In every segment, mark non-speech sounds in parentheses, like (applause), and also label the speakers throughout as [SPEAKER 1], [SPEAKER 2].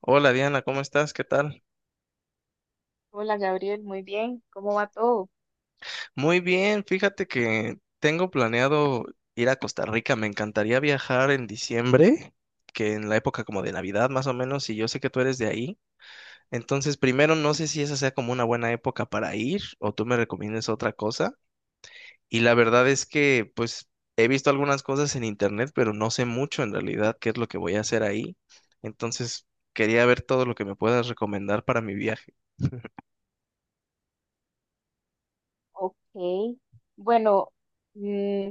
[SPEAKER 1] Hola Diana, ¿cómo estás? ¿Qué tal?
[SPEAKER 2] Hola Gabriel, muy bien, ¿cómo va todo?
[SPEAKER 1] Muy bien, fíjate que tengo planeado ir a Costa Rica. Me encantaría viajar en diciembre, que en la época como de Navidad más o menos, y yo sé que tú eres de ahí. Entonces, primero, no sé si esa sea como una buena época para ir o tú me recomiendes otra cosa. Y la verdad es que, pues, he visto algunas cosas en internet, pero no sé mucho en realidad qué es lo que voy a hacer ahí. Entonces, quería ver todo lo que me puedas recomendar para mi viaje.
[SPEAKER 2] Ok, bueno, mm,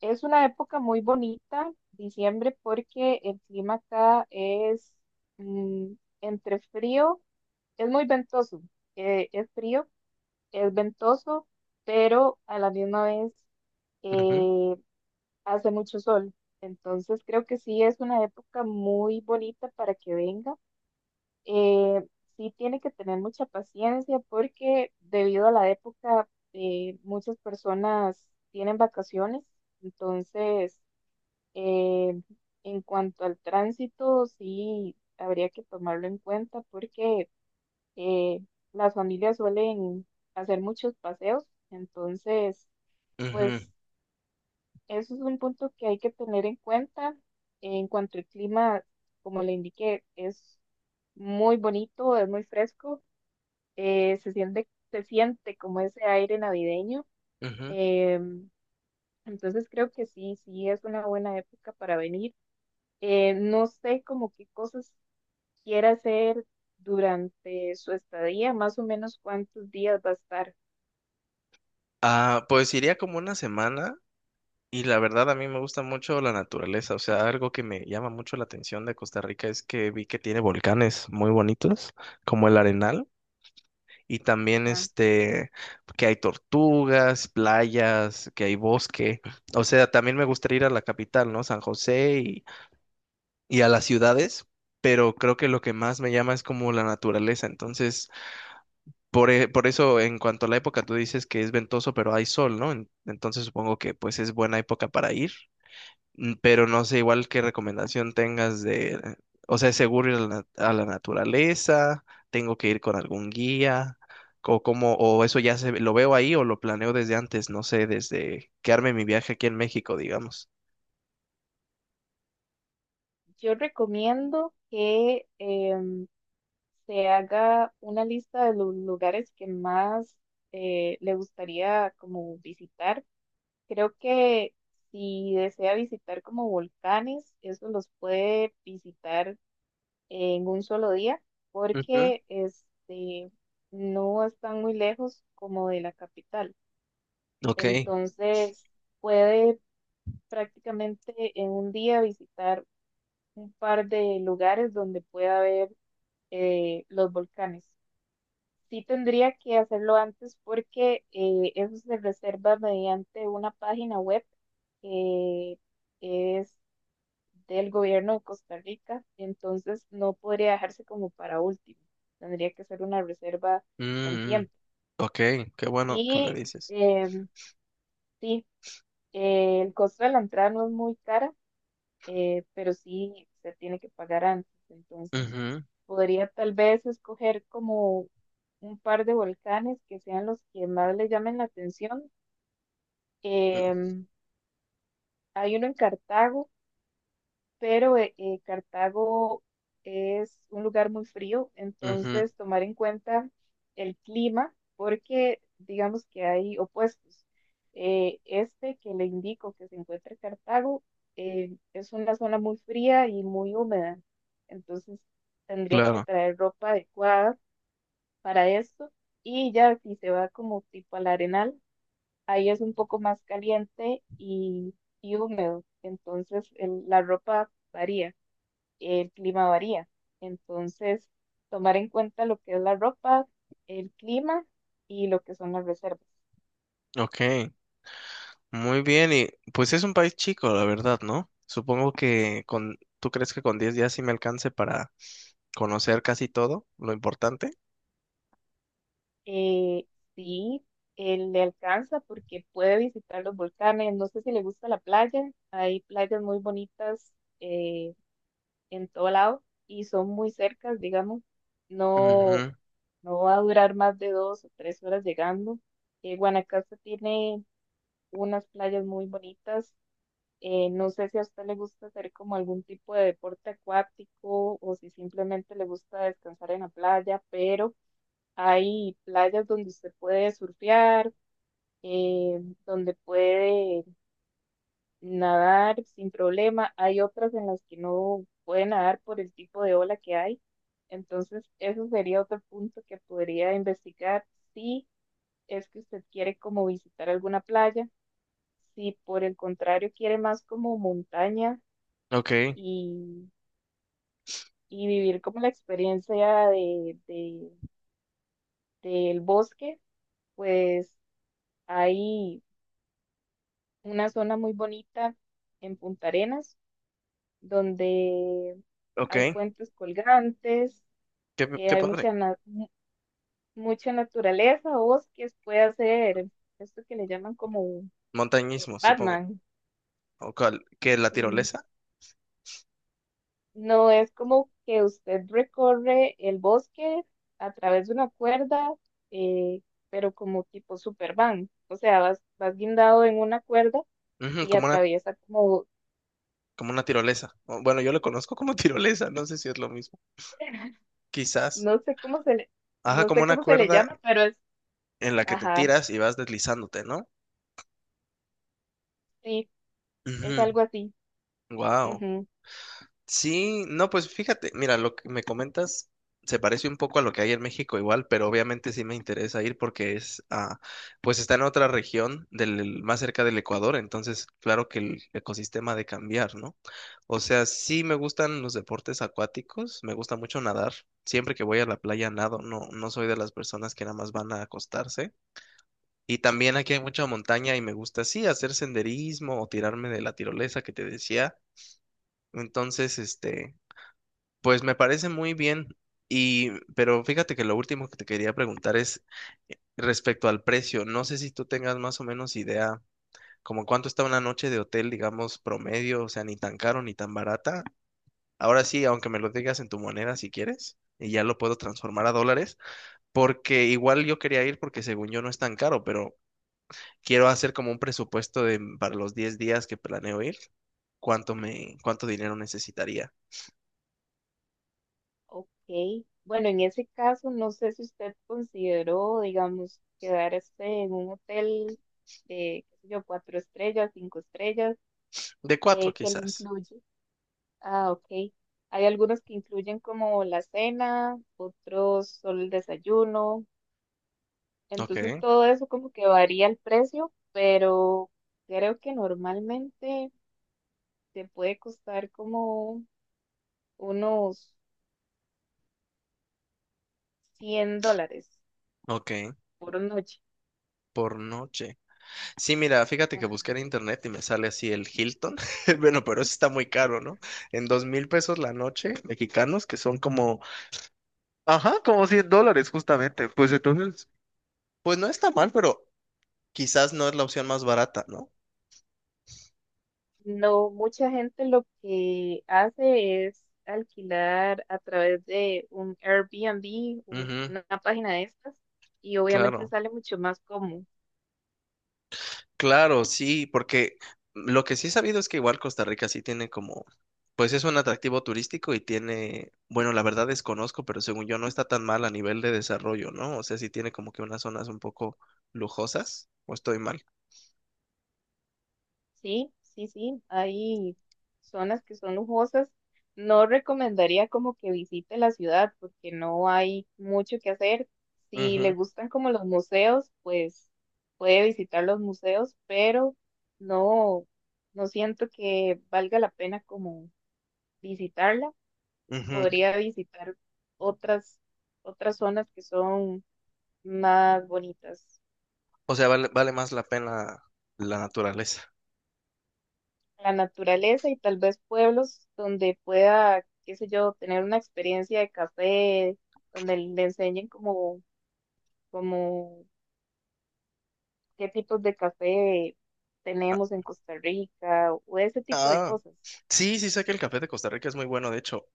[SPEAKER 2] es una época muy bonita, diciembre, porque el clima acá es mm, entre frío, es muy ventoso, es frío, es ventoso, pero a la misma vez
[SPEAKER 1] Ujú,
[SPEAKER 2] eh, hace mucho sol, entonces creo que sí es una época muy bonita para que venga. eh, sí tiene que tener mucha paciencia porque debido a la época muchas personas tienen vacaciones, entonces eh, en cuanto al tránsito sí habría que tomarlo en cuenta porque eh, las familias suelen hacer muchos paseos, entonces
[SPEAKER 1] ujú,
[SPEAKER 2] pues eso es un punto que hay que tener en cuenta. En cuanto al clima, como le indiqué, es muy bonito, es muy fresco se siente como ese aire navideño.
[SPEAKER 1] ujú.
[SPEAKER 2] em, entonces creo que sí, sí es una buena época para venir. No sé como qué cosas quiera hacer durante su estadía, más o menos cuántos días va a estar.
[SPEAKER 1] Ah, pues iría como una semana y la verdad a mí me gusta mucho la naturaleza, o sea, algo que me llama mucho la atención de Costa Rica es que vi que tiene volcanes muy bonitos, como el Arenal, y también
[SPEAKER 2] Ajá.
[SPEAKER 1] este, que hay tortugas, playas, que hay bosque, o sea, también me gustaría ir a la capital, ¿no? San José y a las ciudades, pero creo que lo que más me llama es como la naturaleza. Entonces, por eso, en cuanto a la época, tú dices que es ventoso, pero hay sol, ¿no? Entonces supongo que pues es buena época para ir. Pero no sé igual qué recomendación tengas de, o sea, ¿es seguro ir a la naturaleza? ¿Tengo que ir con algún guía? O cómo, o eso lo veo ahí o lo planeo desde antes, no sé, desde que arme mi viaje aquí en México, digamos.
[SPEAKER 2] Yo recomiendo que se haga una lista de los lugares que más le gustaría como visitar. Creo que si desea visitar como volcanes, eso los puede visitar en un solo día,
[SPEAKER 1] Ujú.
[SPEAKER 2] porque no están muy lejos como de la capital.
[SPEAKER 1] Ok.
[SPEAKER 2] Entonces, puede prácticamente en un día visitar un par de lugares donde pueda ver los volcanes. Sí tendría que hacerlo antes porque eso se reserva mediante una página web que es del gobierno de Costa Rica, entonces no podría dejarse como para último, tendría que ser una reserva con
[SPEAKER 1] Mm, mm.
[SPEAKER 2] tiempo.
[SPEAKER 1] Ok, qué bueno que me
[SPEAKER 2] Y
[SPEAKER 1] dices.
[SPEAKER 2] em, sí, el costo de la entrada no es muy cara, pero sí se tiene que pagar antes. Entonces,
[SPEAKER 1] Ujú,
[SPEAKER 2] podría tal vez escoger como un par de volcanes que sean los que más le llamen la atención. Em, Hay uno en Cartago pero Cartago es un lugar muy frío, entonces
[SPEAKER 1] ujú,
[SPEAKER 2] tomar en cuenta el clima, porque digamos que hay opuestos. Este que le indico que se encuentra en Cartago es una zona muy fría y muy húmeda, entonces tendría que
[SPEAKER 1] claro.
[SPEAKER 2] traer ropa adecuada para esto y ya si se va como tipo al Arenal, ahí es un poco más caliente y húmedo, entonces la ropa varía. El clima varía. Entonces, tomar en cuenta lo que es la ropa, el clima y lo que son las reservas.
[SPEAKER 1] Ok, muy bien. Y pues es un país chico, la verdad, ¿no? Supongo que con, ¿tú crees que con 10 días sí me alcance para conocer casi todo lo importante?
[SPEAKER 2] Eh, sí, él le alcanza porque puede visitar los volcanes. No sé si le gusta la playa. Hay playas muy bonitas eh, en todo lado y son muy cercas, digamos. No,
[SPEAKER 1] Ujú,
[SPEAKER 2] no va a durar más de 2 o 3 horas llegando. Guanacaste tiene unas playas muy bonitas. No sé si a usted le gusta hacer como algún tipo de deporte acuático o si simplemente le gusta descansar en la playa, pero hay playas donde usted puede surfear, donde puede nadar sin problema. Hay otras en las que no puede nadar por el tipo de ola que hay. Entonces, eso sería otro punto que podría investigar si es que usted quiere como visitar alguna playa, si por el contrario quiere más como montaña
[SPEAKER 1] Ok,
[SPEAKER 2] y y vivir como la experiencia del bosque, pues hay una zona muy bonita en Punta Arenas, donde
[SPEAKER 1] ok.
[SPEAKER 2] hay puentes colgantes,
[SPEAKER 1] Qué, qué
[SPEAKER 2] hay
[SPEAKER 1] padre.
[SPEAKER 2] mucha, mucha naturaleza, bosques, puede hacer esto que le llaman como el
[SPEAKER 1] Montañismo, supongo.
[SPEAKER 2] Batman.
[SPEAKER 1] O cual- ¿qué, la
[SPEAKER 2] mm,
[SPEAKER 1] tirolesa?
[SPEAKER 2] No, es como que usted recorre el bosque a través de una cuerda, eh, pero como tipo Superman. O sea, vas guindado en una cuerda
[SPEAKER 1] Ujú,
[SPEAKER 2] y atraviesa como,
[SPEAKER 1] como una tirolesa. O, bueno, yo lo conozco como (laughs) tirolesa, no sé si es lo mismo.
[SPEAKER 2] (laughs)
[SPEAKER 1] Quizás.
[SPEAKER 2] no sé cómo se le,
[SPEAKER 1] Ajá,
[SPEAKER 2] no
[SPEAKER 1] como
[SPEAKER 2] sé
[SPEAKER 1] una
[SPEAKER 2] cómo se le
[SPEAKER 1] cuerda
[SPEAKER 2] llama, pero es,
[SPEAKER 1] en la que te
[SPEAKER 2] ajá,
[SPEAKER 1] tiras y vas deslizándote, ¿no?
[SPEAKER 2] sí, es algo así.
[SPEAKER 1] Wow.
[SPEAKER 2] Ujú.
[SPEAKER 1] Sí, no, pues fíjate, mira, lo que me comentas se parece un poco a lo que hay en México igual, pero obviamente sí me interesa ir porque es, pues está en otra región del, más cerca del Ecuador, entonces claro que el ecosistema ha de cambiar, ¿no? O sea, sí me gustan los deportes acuáticos, me gusta mucho nadar, siempre que voy a la playa nado, no, no soy de las personas que nada más van a acostarse. Y también aquí hay mucha montaña y me gusta, sí, hacer senderismo o tirarme de la tirolesa que te decía. Entonces, este, pues me parece muy bien. Y, pero fíjate que lo último que te quería preguntar es respecto al precio. No sé si tú tengas más o menos idea como cuánto está una noche de hotel, digamos, promedio, o sea, ni tan caro ni tan barata. Ahora sí, aunque me lo digas en tu moneda si quieres, y ya lo puedo transformar a dólares, porque igual yo quería ir porque según yo no es tan caro, pero quiero hacer como un presupuesto de para los 10 días que planeo ir, cuánto dinero necesitaría.
[SPEAKER 2] Ok. Bueno, en ese caso, no sé si usted consideró, digamos, quedarse en un hotel, qué sé yo, cuatro estrellas, cinco estrellas
[SPEAKER 1] De cuatro
[SPEAKER 2] que le
[SPEAKER 1] quizás.
[SPEAKER 2] incluye. Ah, ok. Hay algunos que incluyen como la cena, otros solo el desayuno. Entonces
[SPEAKER 1] Ok,
[SPEAKER 2] todo eso como que varía el precio, pero creo que normalmente te puede costar como unos $100
[SPEAKER 1] ok,
[SPEAKER 2] por noche.
[SPEAKER 1] por noche. Sí, mira, fíjate que busqué
[SPEAKER 2] Ajá.
[SPEAKER 1] en internet y me sale así el Hilton. (laughs) Bueno, pero eso está muy caro, ¿no? En 2.000 pesos la noche, mexicanos, que son como, Ajá, como 100 dólares justamente. Pues entonces, pues no está mal, pero quizás no es la opción más barata, ¿no?
[SPEAKER 2] No, mucha gente lo que hace es alquilar a través de un Airbnb o
[SPEAKER 1] Ujú,
[SPEAKER 2] una página de estas y obviamente
[SPEAKER 1] claro.
[SPEAKER 2] sale mucho más cómodo.
[SPEAKER 1] Claro, sí, porque lo que sí he sabido es que igual Costa Rica sí tiene como, pues es un atractivo turístico y tiene, bueno, la verdad desconozco, pero según yo no está tan mal a nivel de desarrollo, ¿no? O sea, sí tiene como que unas zonas un poco lujosas, o estoy mal.
[SPEAKER 2] Sí, sí, sí, hay zonas que son lujosas. No recomendaría como que visite la ciudad porque no hay mucho que hacer. Si le
[SPEAKER 1] Ujú,
[SPEAKER 2] gustan como los museos, pues puede visitar los museos, pero no, no siento que valga la pena como visitarla.
[SPEAKER 1] ujú.
[SPEAKER 2] Podría visitar otras, otras zonas que son más bonitas.
[SPEAKER 1] O sea, vale, vale más la pena la naturaleza.
[SPEAKER 2] La naturaleza y tal vez pueblos donde pueda, qué sé yo, tener una experiencia de café, donde le enseñen como, como qué tipos de café
[SPEAKER 1] Ah,
[SPEAKER 2] tenemos en Costa Rica o ese tipo de
[SPEAKER 1] ah.
[SPEAKER 2] cosas.
[SPEAKER 1] Sí, sí sé que el café de Costa Rica es muy bueno, de hecho,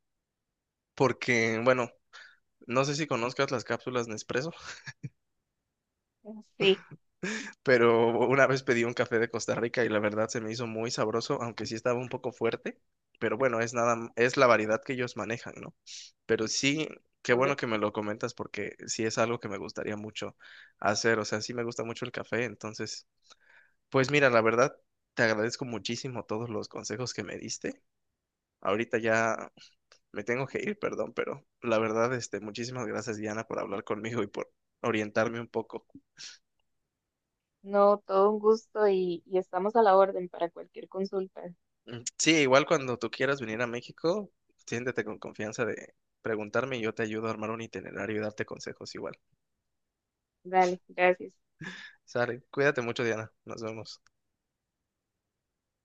[SPEAKER 1] porque, bueno, no sé si conozcas las cápsulas Nespresso.
[SPEAKER 2] (laughs) Sí,
[SPEAKER 1] Pero una vez pedí un café de Costa Rica y la verdad se me hizo muy sabroso, aunque sí estaba un poco fuerte, pero bueno, es nada, es la variedad que ellos manejan, ¿no? Pero sí, qué bueno que
[SPEAKER 2] correcto.
[SPEAKER 1] me lo comentas porque sí es algo que me gustaría mucho hacer, o sea, sí me gusta mucho el café, entonces, pues mira, la verdad, te agradezco muchísimo todos los consejos que me diste. Ahorita ya me tengo que ir, perdón, pero la verdad, este, muchísimas gracias, Diana, por hablar conmigo y por orientarme un poco.
[SPEAKER 2] No, todo un gusto y estamos a la orden para cualquier consulta.
[SPEAKER 1] Mm, Sí, igual cuando tú quieras venir a México, siéntete con confianza de preguntarme y yo te ayudo a armar un itinerario y darte consejos igual.
[SPEAKER 2] Dale, gracias.
[SPEAKER 1] Sale, cuídate mucho, Diana. Nos vemos.